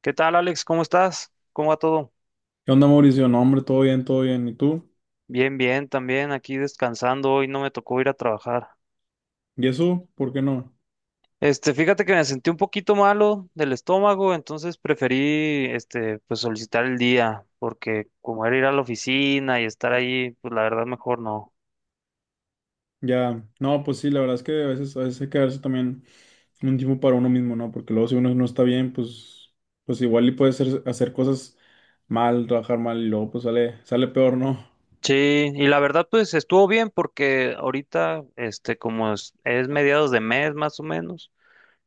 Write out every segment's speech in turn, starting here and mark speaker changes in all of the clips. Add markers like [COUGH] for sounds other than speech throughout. Speaker 1: ¿Qué tal, Alex? ¿Cómo estás? ¿Cómo va todo?
Speaker 2: ¿Qué onda, Mauricio? No, hombre, todo bien, todo bien. ¿Y tú?
Speaker 1: Bien, bien, también aquí descansando. Hoy no me tocó ir a trabajar.
Speaker 2: ¿Y eso? ¿Por qué no?
Speaker 1: Fíjate que me sentí un poquito malo del estómago, entonces preferí, pues solicitar el día, porque como era ir a la oficina y estar ahí, pues la verdad mejor no.
Speaker 2: Ya, no, pues sí, la verdad es que a veces hay que darse también un tiempo para uno mismo, ¿no? Porque luego si uno no está bien, pues, pues igual y puede ser, hacer cosas mal, trabajar mal y luego pues sale peor, ¿no?
Speaker 1: Sí, y la verdad pues estuvo bien porque ahorita, como es mediados de mes más o menos,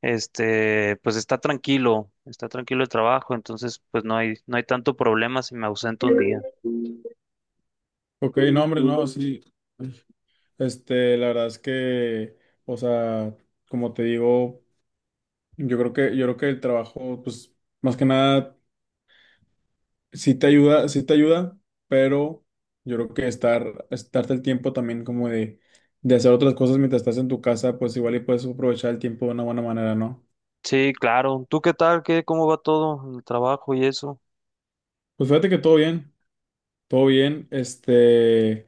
Speaker 1: pues está tranquilo el trabajo, entonces pues no hay tanto problema si me ausento un día.
Speaker 2: Ok, no, hombre, no, sí. La verdad es que, o sea, como te digo, yo creo que el trabajo, pues, más que nada. Sí te ayuda, pero yo creo que estarte el tiempo también como de hacer otras cosas mientras estás en tu casa, pues igual y puedes aprovechar el tiempo de una buena manera, ¿no?
Speaker 1: Sí, claro. ¿Tú qué tal? ¿Qué, cómo va todo en el trabajo y eso?
Speaker 2: Pues fíjate que todo bien,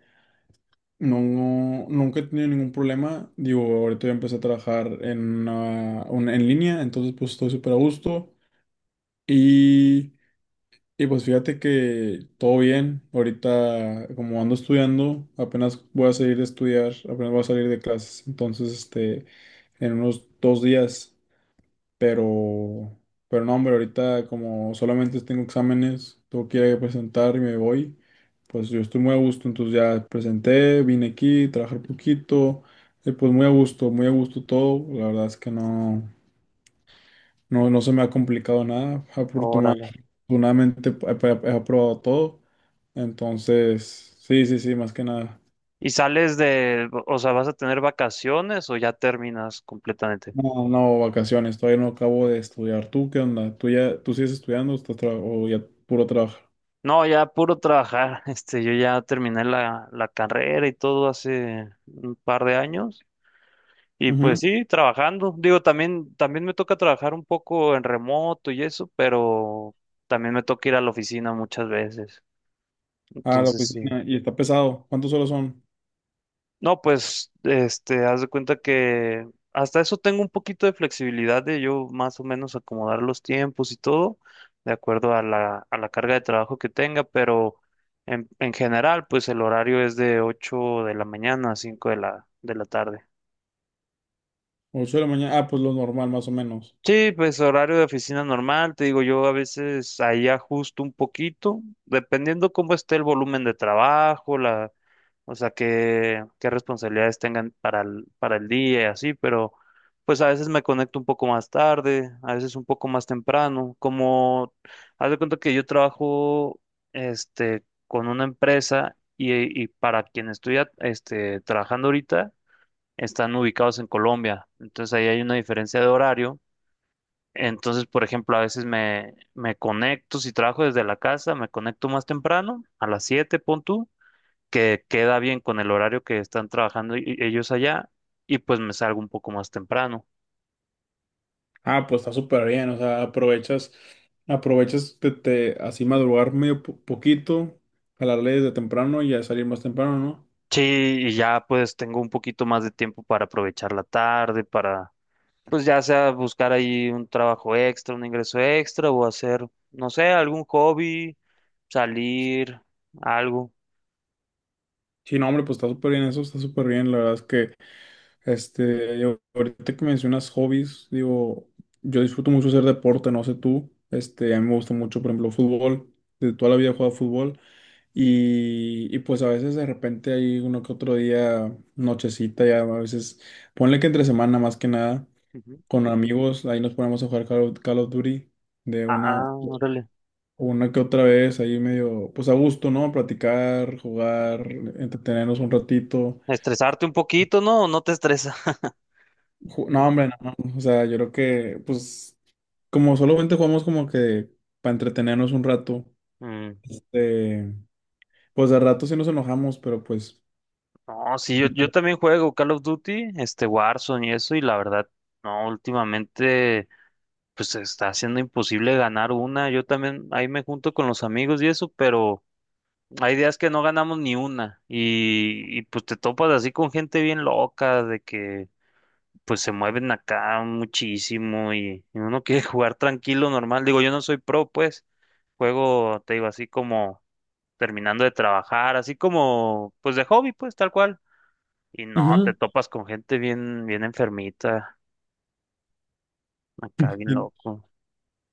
Speaker 2: no, nunca he tenido ningún problema, digo, ahorita ya empecé a trabajar en, en línea, entonces pues estoy súper a gusto y... Y pues fíjate que todo bien. Ahorita, como ando estudiando, apenas voy a salir de estudiar, apenas voy a salir de clases. Entonces, en unos 2 días. Pero, pero no, hombre, ahorita como solamente tengo exámenes, tengo que ir a presentar y me voy. Pues yo estoy muy a gusto. Entonces ya presenté, vine aquí, trabajé un poquito. Y pues muy a gusto todo. La verdad es que no. No, no se me ha complicado nada.
Speaker 1: Órale.
Speaker 2: Afortunadamente he aprobado todo. Entonces, sí, sí, sí, más que nada.
Speaker 1: ¿Y sales de, o sea, vas a tener vacaciones o ya terminas completamente?
Speaker 2: No, no, vacaciones. Todavía no acabo de estudiar. ¿Tú qué onda? Tú sigues estudiando o estás o ya puro trabajo?
Speaker 1: No, ya puro trabajar. [LAUGHS] Yo ya terminé la carrera y todo hace un par de años. Y pues
Speaker 2: Ujú.
Speaker 1: sí, trabajando. Digo, también me toca trabajar un poco en remoto y eso, pero también me toca ir a la oficina muchas veces.
Speaker 2: Ah, la
Speaker 1: Entonces sí.
Speaker 2: oficina. Y está pesado. ¿Cuántas horas son?
Speaker 1: No, pues, haz de cuenta que hasta eso tengo un poquito de flexibilidad de yo más o menos acomodar los tiempos y todo, de acuerdo a a la carga de trabajo que tenga, pero en general, pues el horario es de 8 de la mañana a 5 de de la tarde.
Speaker 2: 8 de la mañana. Ah, pues lo normal, más o menos.
Speaker 1: Sí, pues horario de oficina normal, te digo, yo a veces ahí ajusto un poquito, dependiendo cómo esté el volumen de trabajo, o sea, qué responsabilidades tengan para para el día y así, pero pues a veces me conecto un poco más tarde, a veces un poco más temprano, como, haz de cuenta que yo trabajo, este, con una empresa y para quien estoy, trabajando ahorita, están ubicados en Colombia, entonces ahí hay una diferencia de horario, entonces, por ejemplo, a veces me conecto, si trabajo desde la casa, me conecto más temprano, a las 7 pon tú, que queda bien con el horario que están trabajando ellos allá, y pues me salgo un poco más temprano.
Speaker 2: Ah, pues está súper bien. O sea, aprovechas de, así madrugar medio poquito, jalarle desde temprano y ya salir más temprano, ¿no?
Speaker 1: Sí, y ya pues tengo un poquito más de tiempo para aprovechar la tarde, para pues ya sea buscar ahí un trabajo extra, un ingreso extra, o hacer, no sé, algún hobby, salir, algo.
Speaker 2: Sí, no, hombre, pues está súper bien eso, está súper bien. La verdad es que, ahorita que mencionas hobbies, digo, yo disfruto mucho hacer deporte, no sé tú, a mí me gusta mucho, por ejemplo, fútbol, de toda la vida he jugado fútbol y pues a veces de repente hay uno que otro día, nochecita, ya a veces, ponle que entre semana más que nada,
Speaker 1: Ujú.
Speaker 2: con amigos, ahí nos ponemos a jugar Call of Duty de
Speaker 1: Ah, ah, órale.
Speaker 2: una que otra vez, ahí medio, pues a gusto, ¿no? Platicar, jugar, entretenernos un ratito.
Speaker 1: Estresarte un poquito, ¿no? ¿O no te estresa? [LAUGHS] Mm,
Speaker 2: No, hombre, no, no. O sea, yo creo que, pues, como solamente jugamos como que para entretenernos un rato, eh, pues de rato sí nos enojamos, pero pues...
Speaker 1: no, sí, yo también juego Call of Duty, este Warzone y eso, y la verdad, no, últimamente, pues se está haciendo imposible ganar una. Yo también ahí me junto con los amigos y eso, pero hay días que no ganamos ni una, y pues te topas así con gente bien loca, de que pues se mueven acá muchísimo y uno [LAUGHS] quiere jugar tranquilo, normal. Digo, yo no soy pro, pues, juego, te digo, así como terminando de trabajar, así como, pues de hobby, pues, tal cual. Y no, te
Speaker 2: Ujú.
Speaker 1: topas con gente bien, bien enfermita, acá bien
Speaker 2: Y-
Speaker 1: loco.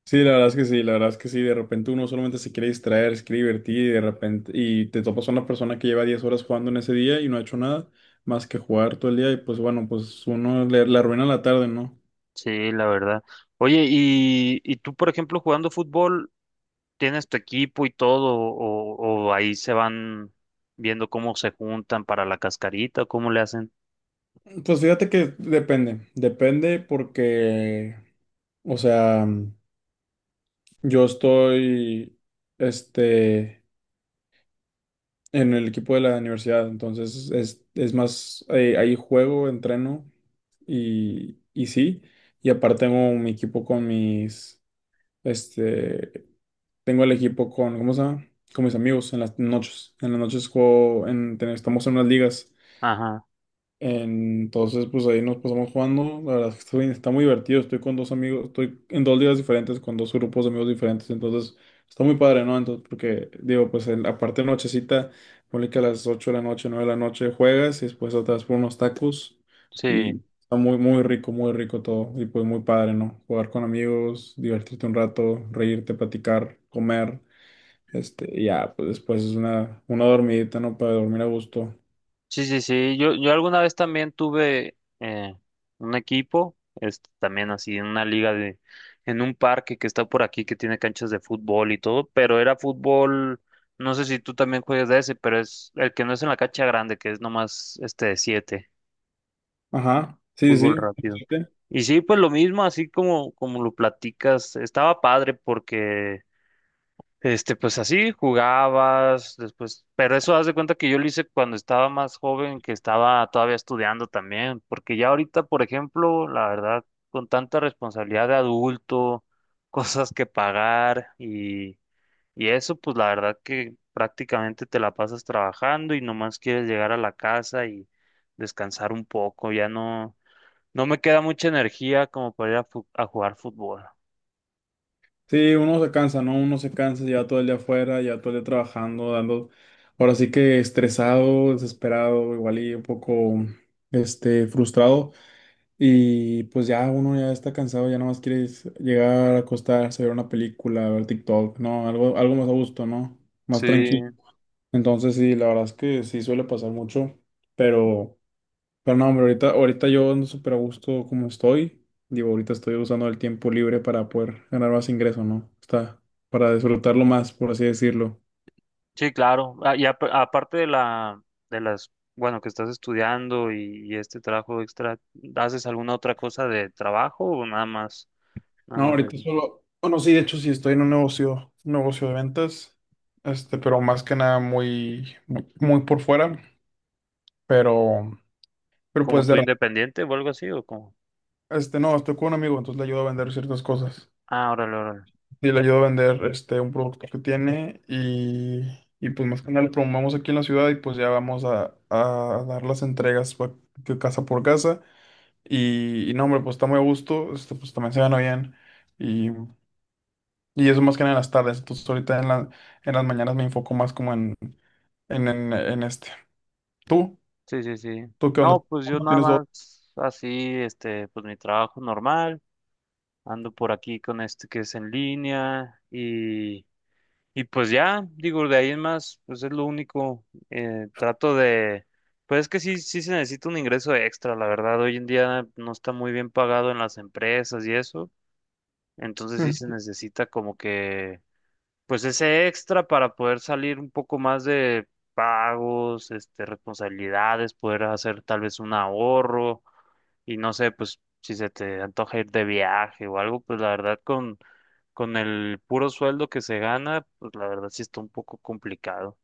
Speaker 2: Sí, la verdad es que sí, la verdad es que sí, de repente uno solamente se quiere distraer, se quiere divertir y de repente, y te topas a una persona que lleva 10 horas jugando en ese día y no ha hecho nada más que jugar todo el día y pues bueno, pues uno le, le arruina la tarde, ¿no?
Speaker 1: Sí, la verdad. Oye, y tú, por ejemplo, jugando fútbol, ¿tienes tu equipo y todo? O ahí se van viendo cómo se juntan para la cascarita, ¿cómo le hacen?
Speaker 2: Pues fíjate que depende porque, o sea... Yo estoy, este, en el equipo de la universidad, entonces es más, ahí juego, entreno y sí, y aparte tengo mi equipo con mis, este, tengo el equipo con, ¿cómo se llama? Con mis amigos en las noches juego, en, estamos en unas ligas.
Speaker 1: Ajá,
Speaker 2: Entonces, pues ahí nos pasamos jugando. La verdad es que está muy divertido. Estoy con dos amigos, estoy en dos ligas diferentes, con dos grupos de amigos diferentes. Entonces, está muy padre, ¿no? Entonces, porque digo, pues en, aparte de nochecita, ponle que a las 8 de la noche, 9 de la noche juegas y después atrás por unos tacos.
Speaker 1: sí.
Speaker 2: Y está muy, muy rico todo. Y pues muy padre, ¿no? Jugar con amigos, divertirte un rato, reírte, platicar, comer. Y ya, pues después es una dormidita, ¿no? Para dormir a gusto.
Speaker 1: Sí, sí, sí. Yo alguna vez también tuve un equipo, también así en una liga de, en un parque que está por aquí que tiene canchas de fútbol y todo, pero era fútbol, no sé si tú también juegas de ese, pero es el que no es en la cancha grande, que es nomás este de siete,
Speaker 2: Ajá, sí,
Speaker 1: fútbol
Speaker 2: sí.
Speaker 1: rápido.
Speaker 2: Sí.
Speaker 1: Y sí, pues lo mismo, así como, como lo platicas, estaba padre porque pues así jugabas, después, pero eso haz de cuenta que yo lo hice cuando estaba más joven, que estaba todavía estudiando también, porque ya ahorita, por ejemplo, la verdad, con tanta responsabilidad de adulto, [LAUGHS] cosas que pagar y eso, pues la verdad que prácticamente te la pasas trabajando y nomás quieres llegar a la casa y descansar un poco, ya no, no me queda mucha energía como para ir a, a jugar fútbol.
Speaker 2: Sí, uno se cansa, ¿no? Uno se cansa, lleva todo el día afuera, lleva todo el día trabajando, dando, ahora sí que estresado, desesperado, igual y un poco, frustrado. Y pues ya uno ya está cansado, ya nomás quiere es llegar a acostarse, ver una película, ver TikTok, ¿no? Algo, algo más a gusto, ¿no? Más
Speaker 1: Sí.
Speaker 2: tranquilo. Entonces sí, la verdad es que sí suele pasar mucho, pero... Pero no, hombre, ahorita yo ando súper a gusto como estoy. Digo, ahorita estoy usando el tiempo libre para poder ganar más ingreso, ¿no? Está para disfrutarlo más, por así decirlo.
Speaker 1: Sí, claro. Ah, y aparte de de las, bueno, que estás estudiando y este trabajo extra, ¿haces alguna otra cosa de trabajo o nada
Speaker 2: No,
Speaker 1: más de
Speaker 2: ahorita
Speaker 1: eso?
Speaker 2: solo, bueno, sí, de hecho sí estoy en un negocio de ventas, pero más que nada muy, muy, muy por fuera, pero, pero
Speaker 1: ¿Como
Speaker 2: pues
Speaker 1: tú
Speaker 2: de,
Speaker 1: independiente o algo así o como?
Speaker 2: no, estoy con un amigo, entonces le ayudo a vender ciertas cosas.
Speaker 1: Ah, órale, órale.
Speaker 2: Sí, le ayudo a vender este, un producto que tiene y, pues más que nada lo promovamos aquí en la ciudad y pues ya vamos a dar las entregas que casa por casa y no, hombre, pues está muy a gusto, pues también se gana bien y, y eso más que nada en las tardes, entonces ahorita en en las mañanas me enfoco más como en, en este. ¿Tú?
Speaker 1: Sí, sí, sí.
Speaker 2: ¿Tú qué onda?
Speaker 1: No, pues
Speaker 2: ¿Tú
Speaker 1: yo
Speaker 2: no?
Speaker 1: nada
Speaker 2: ¿Tienes dos?
Speaker 1: más así, pues mi trabajo normal. Ando por aquí con este que es en línea y pues ya, digo, de ahí en más, pues es lo único. Trato de, pues es que sí se necesita un ingreso extra, la verdad. Hoy en día no está muy bien pagado en las empresas y eso. Entonces sí se necesita como que pues ese extra para poder salir un poco más de pagos, responsabilidades, poder hacer tal vez un ahorro y no sé, pues si se te antoja ir de viaje o algo, pues la verdad con el puro sueldo que se gana, pues la verdad sí está un poco complicado.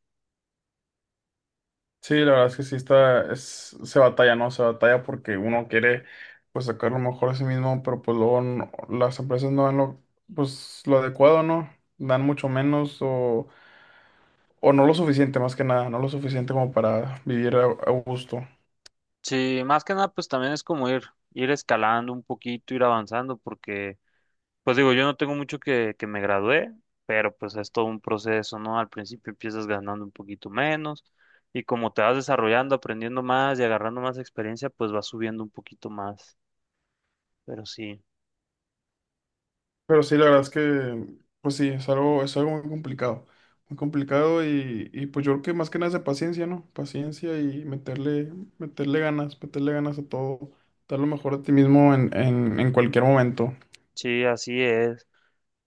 Speaker 2: Sí, la verdad es que sí está, es, se batalla, ¿no? Se batalla porque uno quiere, pues, sacar lo mejor a sí mismo, pero pues luego las empresas no dan lo, pues, lo adecuado, ¿no? Dan mucho menos o no lo suficiente, más que nada, no lo suficiente como para vivir a gusto.
Speaker 1: Sí, más que nada, pues también es como ir, ir escalando un poquito, ir avanzando, porque, pues digo, yo no tengo mucho que me gradué, pero pues es todo un proceso, ¿no? Al principio empiezas ganando un poquito menos y como te vas desarrollando, aprendiendo más y agarrando más experiencia, pues vas subiendo un poquito más. Pero
Speaker 2: Pero sí, la verdad es que, pues sí, es algo muy complicado y pues yo creo que más que nada es de paciencia, ¿no? Meterle ganas a todo, dar lo mejor a ti mismo en, en cualquier momento.
Speaker 1: sí, así es.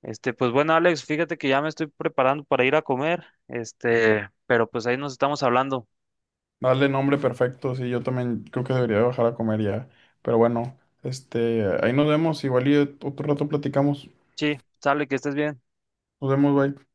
Speaker 1: Pues bueno, Alex, fíjate que ya me estoy preparando para ir a comer, pero pues ahí nos estamos hablando.
Speaker 2: Dale nombre perfecto, sí, yo también creo que debería bajar a comer ya. Pero bueno, ahí nos vemos, igual y otro rato platicamos.
Speaker 1: Sí, sale, que estés bien.
Speaker 2: Nos vemos, bye.